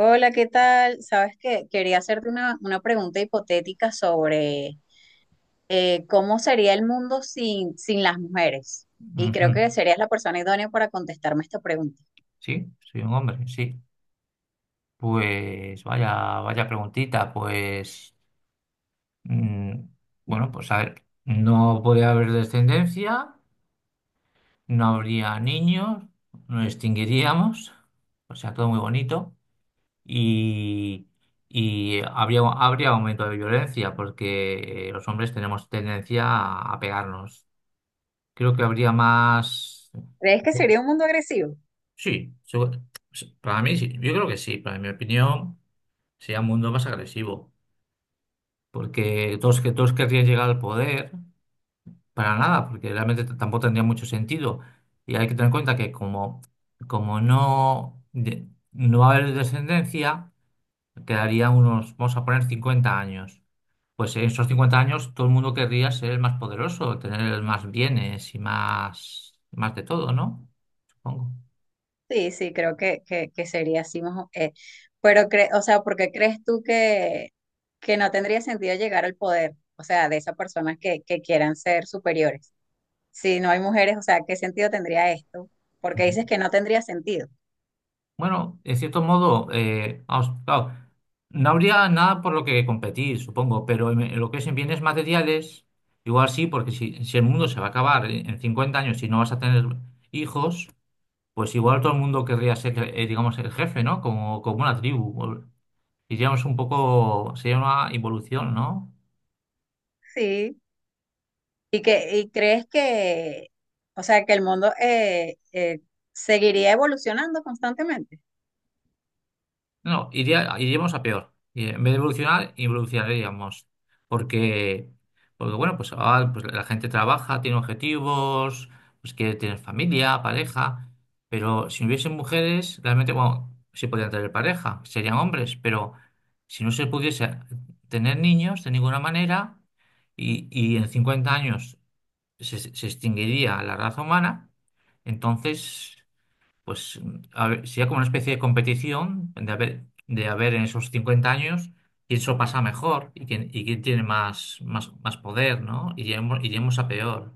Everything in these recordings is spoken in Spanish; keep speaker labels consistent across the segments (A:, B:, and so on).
A: Hola, ¿qué tal? Sabes que quería hacerte una pregunta hipotética sobre cómo sería el mundo sin las mujeres. Y
B: Ujú.
A: creo que serías la persona idónea para contestarme esta pregunta.
B: Sí, soy un hombre, sí. Pues vaya, vaya preguntita, pues mm, bueno, pues a ver, no podría haber descendencia, no habría niños, nos extinguiríamos, o sea, todo muy bonito, y, y habría aumento de violencia, porque los hombres tenemos tendencia a pegarnos. Creo que habría más...
A: ¿Crees que sería un mundo agresivo?
B: Sí, para mí sí, yo creo que sí, para mi opinión. Sería un mundo más agresivo, porque que todos querrían llegar al poder para nada, porque realmente tampoco tendría mucho sentido. Y hay que tener en cuenta que como no va a haber descendencia, quedaría unos, vamos a poner 50 años. Pues en esos 50 años todo el mundo querría ser el más poderoso, tener más bienes y más, más de todo, ¿no? Supongo.
A: Sí, sí, creo que sería así. Pero, o sea, ¿por qué crees tú que no tendría sentido llegar al poder? O sea, de esas personas que quieran ser superiores. Si no hay mujeres, o sea, ¿qué sentido tendría esto? Porque dices que no tendría sentido.
B: Bueno, en cierto modo, vamos, claro, no habría nada por lo que competir, supongo, pero en lo que es en bienes materiales, igual sí, porque si el mundo se va a acabar en 50 años y no vas a tener hijos, pues igual todo el mundo querría ser, digamos, el jefe, ¿no? Como una tribu. Diríamos un poco, sería una evolución, ¿no?
A: Sí. ¿ Y crees que, o sea, que el mundo seguiría evolucionando constantemente?
B: No, no, iríamos a peor. Y en vez de evolucionar, evolucionaríamos. Porque, porque bueno, pues, ahora, pues la gente trabaja, tiene objetivos, pues quiere tener familia, pareja. Pero si no hubiesen mujeres, realmente, bueno, sí podrían tener pareja, serían hombres. Pero si no se pudiese tener niños de ninguna manera, y en 50 años se extinguiría la raza humana, entonces pues a ver, sería como una especie de competición de haber en esos 50 años quién se lo pasa mejor y quién tiene más, más, más poder, ¿no? Iremos a peor.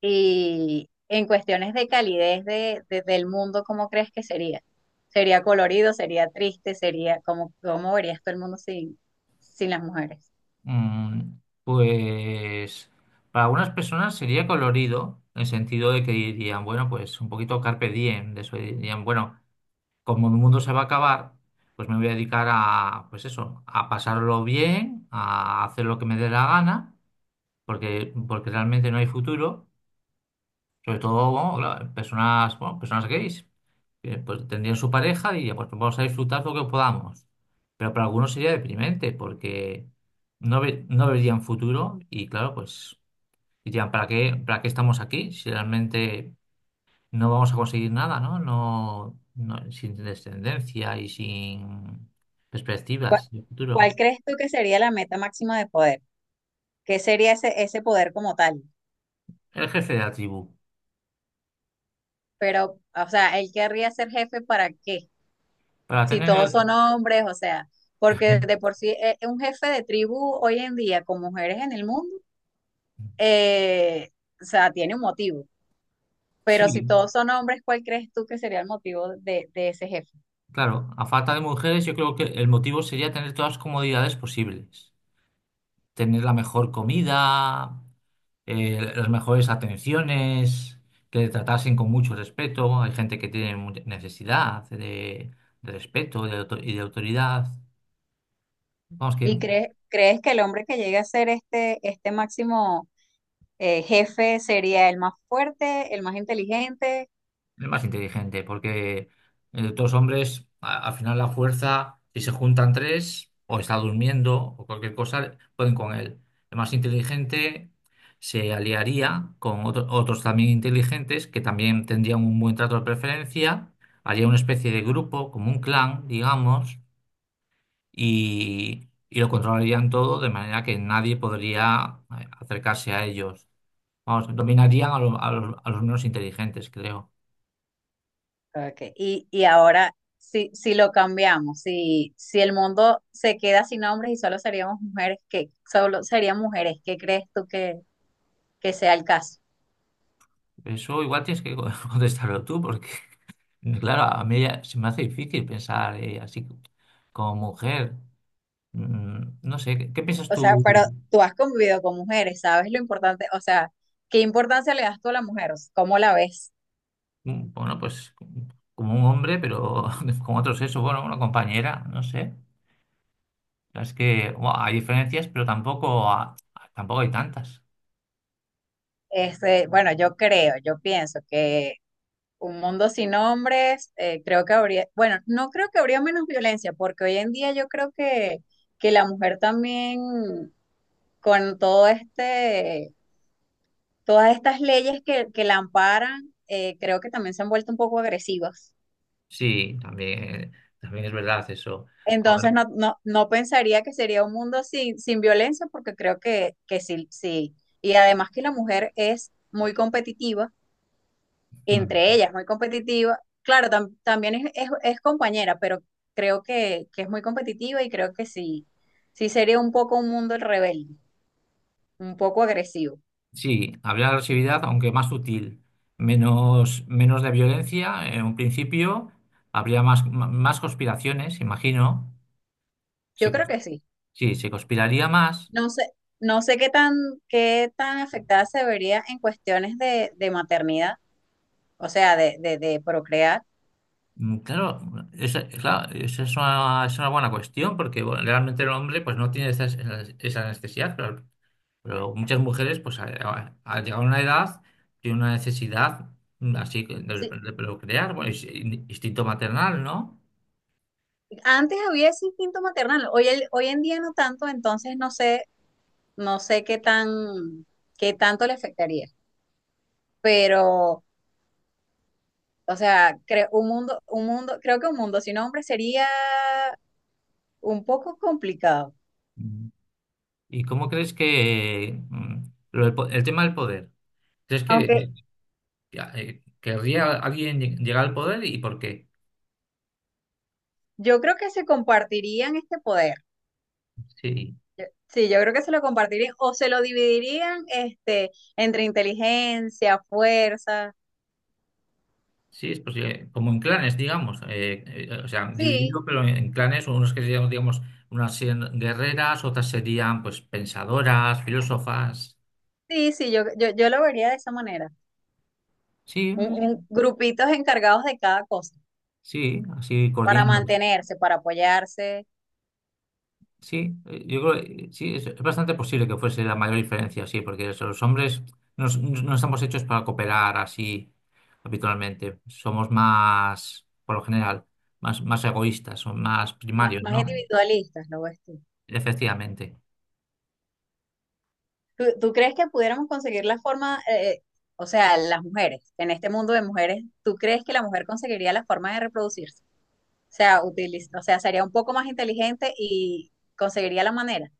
A: Y en cuestiones de calidez del mundo, ¿cómo crees que sería? ¿Sería colorido? ¿Sería triste? ¿Sería cómo, cómo verías todo el mundo sin las mujeres?
B: Pues para algunas personas sería colorido, en el sentido de que dirían, bueno, pues un poquito carpe diem, de eso dirían, bueno, como el mundo se va a acabar, pues me voy a dedicar a, pues eso, a pasarlo bien, a hacer lo que me dé la gana, porque realmente no hay futuro. Sobre todo, bueno, claro, personas, bueno, personas gays, que pues tendrían su pareja y pues vamos a disfrutar lo que podamos. Pero para algunos sería deprimente porque no verían futuro y claro, pues dirían, ¿Para qué estamos aquí si realmente no vamos a conseguir nada, ¿no? No, sin descendencia y sin
A: ¿Cuál,
B: perspectivas de
A: Cuál
B: futuro.
A: crees tú que sería la meta máxima de poder? ¿Qué sería ese poder como tal?
B: El jefe de la tribu,
A: Pero, o sea, ¿él querría ser jefe para qué?
B: para
A: Si
B: tener
A: todos son
B: el...
A: hombres, o sea, porque de por sí un jefe de tribu hoy en día con mujeres en el mundo, eh, o sea, tiene un motivo. Pero si
B: Sí.
A: todos son hombres, ¿cuál crees tú que sería el motivo de ese jefe?
B: Claro, a falta de mujeres, yo creo que el motivo sería tener todas las comodidades posibles. Tener la mejor comida, las mejores atenciones, que le tratasen con mucho respeto. Hay gente que tiene necesidad de, respeto de y de autoridad. Vamos, que
A: ¿Y crees que el hombre que llegue a ser este, este máximo jefe sería el más fuerte, el más inteligente?
B: es más inteligente, porque dos hombres, al final la fuerza, si se juntan tres, o está durmiendo, o cualquier cosa, pueden con él. El más inteligente se aliaría con otros también inteligentes que también tendrían un buen trato de preferencia, haría una especie de grupo, como un clan, digamos, y lo controlarían todo de manera que nadie podría acercarse a ellos. Vamos, dominarían a los menos inteligentes, creo.
A: Okay. Y ahora, si lo cambiamos, si el mundo se queda sin hombres y solo seríamos mujeres, ¿qué? Solo serían mujeres, ¿qué crees tú que sea el caso?
B: Eso igual tienes que contestarlo tú, porque, claro, a mí ya se me hace difícil pensar así como mujer. No sé, ¿qué piensas
A: O sea,
B: tú?
A: pero tú has convivido con mujeres, ¿sabes lo importante? O sea, ¿qué importancia le das tú a la mujer? ¿Cómo la ves?
B: Bueno, pues como un hombre, pero con otro sexo, bueno, una compañera, no sé. Es que bueno, hay diferencias, pero tampoco hay tantas.
A: Este, bueno, yo creo, yo pienso que un mundo sin hombres, creo que habría, bueno, no creo que habría menos violencia, porque hoy en día yo creo que la mujer también, con todo este, todas estas leyes que la amparan, creo que también se han vuelto un poco agresivas.
B: Sí, también es verdad eso. A
A: Entonces no pensaría que sería un mundo sin violencia, porque creo que sí, sí. Y además que la mujer es muy competitiva,
B: ver.
A: entre ellas muy competitiva. Claro, también es compañera, pero creo que es muy competitiva y creo que sí, sí sería un poco un mundo rebelde, un poco agresivo.
B: Sí, habría agresividad, aunque más sutil, menos de violencia en un principio, habría más conspiraciones, imagino.
A: Yo
B: Se-
A: creo que sí.
B: sí, se conspiraría más.
A: No sé, no sé qué tan afectada se vería en cuestiones de maternidad, o sea, de procrear.
B: Claro, esa, claro, esa es una buena cuestión, porque bueno, realmente el hombre pues, no tiene esa, necesidad, pero muchas mujeres, pues al llegar a una edad, tienen una necesidad así de,
A: Sí,
B: de procrear, bueno, es instinto maternal, ¿no?
A: antes había ese instinto maternal, hoy, hoy en día no tanto, entonces no sé, no sé qué tanto le afectaría. Pero, o sea, creo creo que un mundo sin hombres sería un poco complicado.
B: ¿Y cómo crees que lo del tema del poder? ¿Crees que,
A: Aunque
B: querría alguien llegar al poder y por qué?
A: yo creo que se compartirían este poder.
B: Sí,
A: Sí, yo creo que se lo compartirían o se lo dividirían este, entre inteligencia, fuerza.
B: sí, es posible. Como en clanes, digamos. O sea,
A: Sí,
B: dividido, pero en clanes, unos que serían, digamos, unas serían guerreras, otras serían, pues, pensadoras, filósofas.
A: sí, sí, yo lo vería de esa manera.
B: Sí, eh,
A: Grupitos encargados de cada cosa.
B: sí, así
A: Para
B: coordinando.
A: mantenerse, para apoyarse,
B: Sí, yo creo que sí, es bastante posible que fuese la mayor diferencia, sí, porque eso, los hombres no estamos hechos para cooperar así habitualmente. Somos más, por lo general, más egoístas, son más
A: más,
B: primarios,
A: más
B: ¿no?
A: individualistas, lo ves tú.
B: Efectivamente.
A: ¿Tú crees que pudiéramos conseguir la forma, o sea, las mujeres, en este mundo de mujeres, tú crees que la mujer conseguiría la forma de reproducirse? O sea, o sea, sería un poco más inteligente y conseguiría la manera.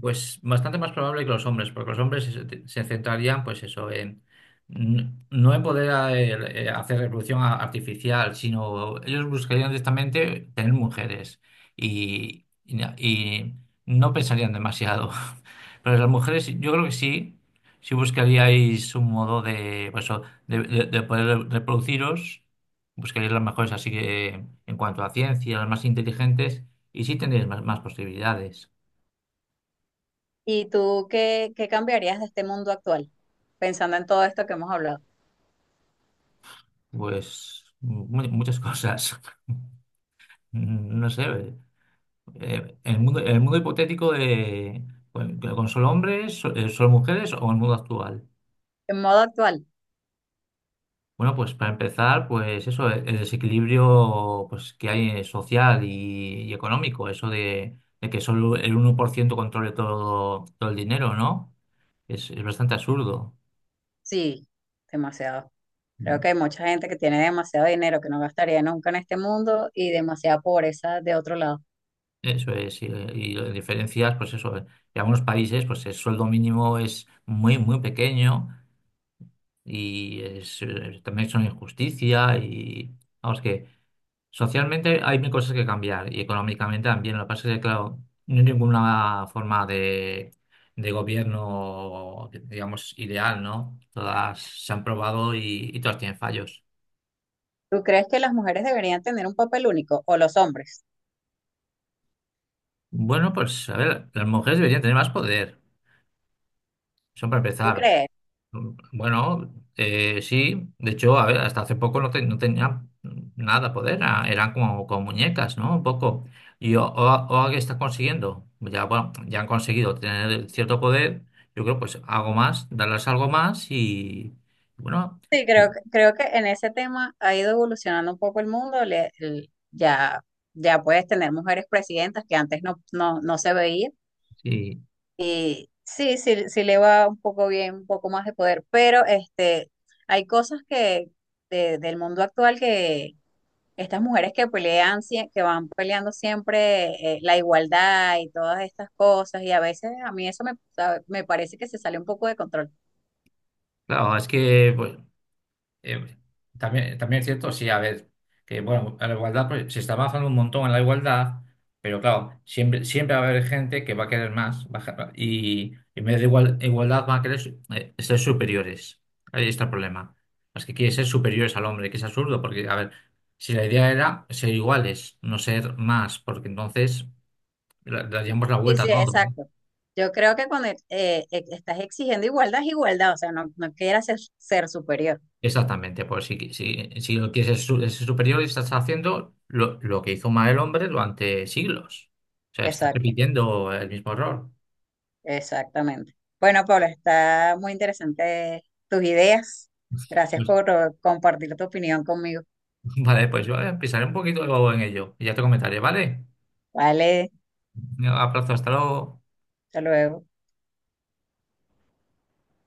B: Pues bastante más probable que los hombres, porque los hombres se centrarían, pues eso, en no en poder hacer reproducción artificial, sino ellos buscarían directamente tener mujeres y no pensarían demasiado. Pero las mujeres, yo creo que sí, sí buscaríais un modo de, pues, de poder reproduciros, buscaríais las mejores, así que en cuanto a ciencia, las más inteligentes, y sí tendríais más posibilidades.
A: ¿Y tú qué, qué cambiarías de este mundo actual, pensando en todo esto que hemos hablado?
B: Pues muchas cosas. No sé. El mundo hipotético de con solo hombres, solo mujeres o el mundo actual.
A: En modo actual,
B: Bueno, pues para empezar, pues eso, el desequilibrio pues, que hay social y económico, eso de, que solo el 1% controle todo el dinero, ¿no? Es bastante absurdo.
A: sí, demasiado. Creo que hay mucha gente que tiene demasiado dinero que no gastaría nunca en este mundo y demasiada pobreza de otro lado.
B: Eso es, y las diferencias, pues eso, en algunos países, pues el sueldo mínimo es muy, muy pequeño y es, también son injusticia y vamos que socialmente hay mil cosas que cambiar y económicamente también. Lo que pasa es que, claro, no hay ninguna forma de, gobierno, digamos, ideal, ¿no? Todas se han probado y todas tienen fallos.
A: ¿Tú crees que las mujeres deberían tener un papel único o los hombres?
B: Bueno, pues a ver, las mujeres deberían tener más poder. Son para
A: ¿Tú
B: empezar.
A: crees?
B: Bueno, sí, de hecho, a ver, hasta hace poco no tenía nada poder, eran como muñecas, ¿no? Un poco. Y ahora que están consiguiendo, ya, bueno, ya han conseguido tener cierto poder, yo creo, pues algo más, darles algo más y, bueno,
A: Sí, creo, creo que en ese tema ha ido evolucionando un poco el mundo. Ya, ya puedes tener mujeres presidentas que antes no se veía.
B: sí,
A: Y sí, sí, sí le va un poco bien, un poco más de poder. Pero este, hay cosas que del mundo actual, estas mujeres que pelean, que van peleando siempre la igualdad y todas estas cosas, y a veces a mí eso me, me parece que se sale un poco de control.
B: claro, es que, pues, Eh, también es cierto, sí, a ver, que bueno, a la igualdad pues, se está avanzando un montón en la igualdad, pero claro, siempre va a haber gente que va a querer más y en vez de igualdad va a querer ser superiores. Ahí está el problema. Las que quiere ser superiores al hombre, que es absurdo, porque a ver, si la idea era ser iguales, no ser más, porque entonces le daríamos la
A: Sí,
B: vuelta
A: sí,
B: a todo, ¿no?
A: exacto. Yo creo que cuando estás exigiendo igualdad es igualdad, o sea, no quieras ser superior.
B: Exactamente, pues si lo quieres es ser superior, estás haciendo lo que hizo mal el hombre durante siglos. O sea, estás
A: Exacto,
B: repitiendo el mismo error.
A: exactamente. Bueno, Paula, está muy interesante tus ideas. Gracias
B: Pues,
A: por compartir tu opinión conmigo.
B: vale, pues yo pensaré un poquito en ello y ya te comentaré, ¿vale?
A: Vale,
B: Un abrazo, hasta luego.
A: hasta luego.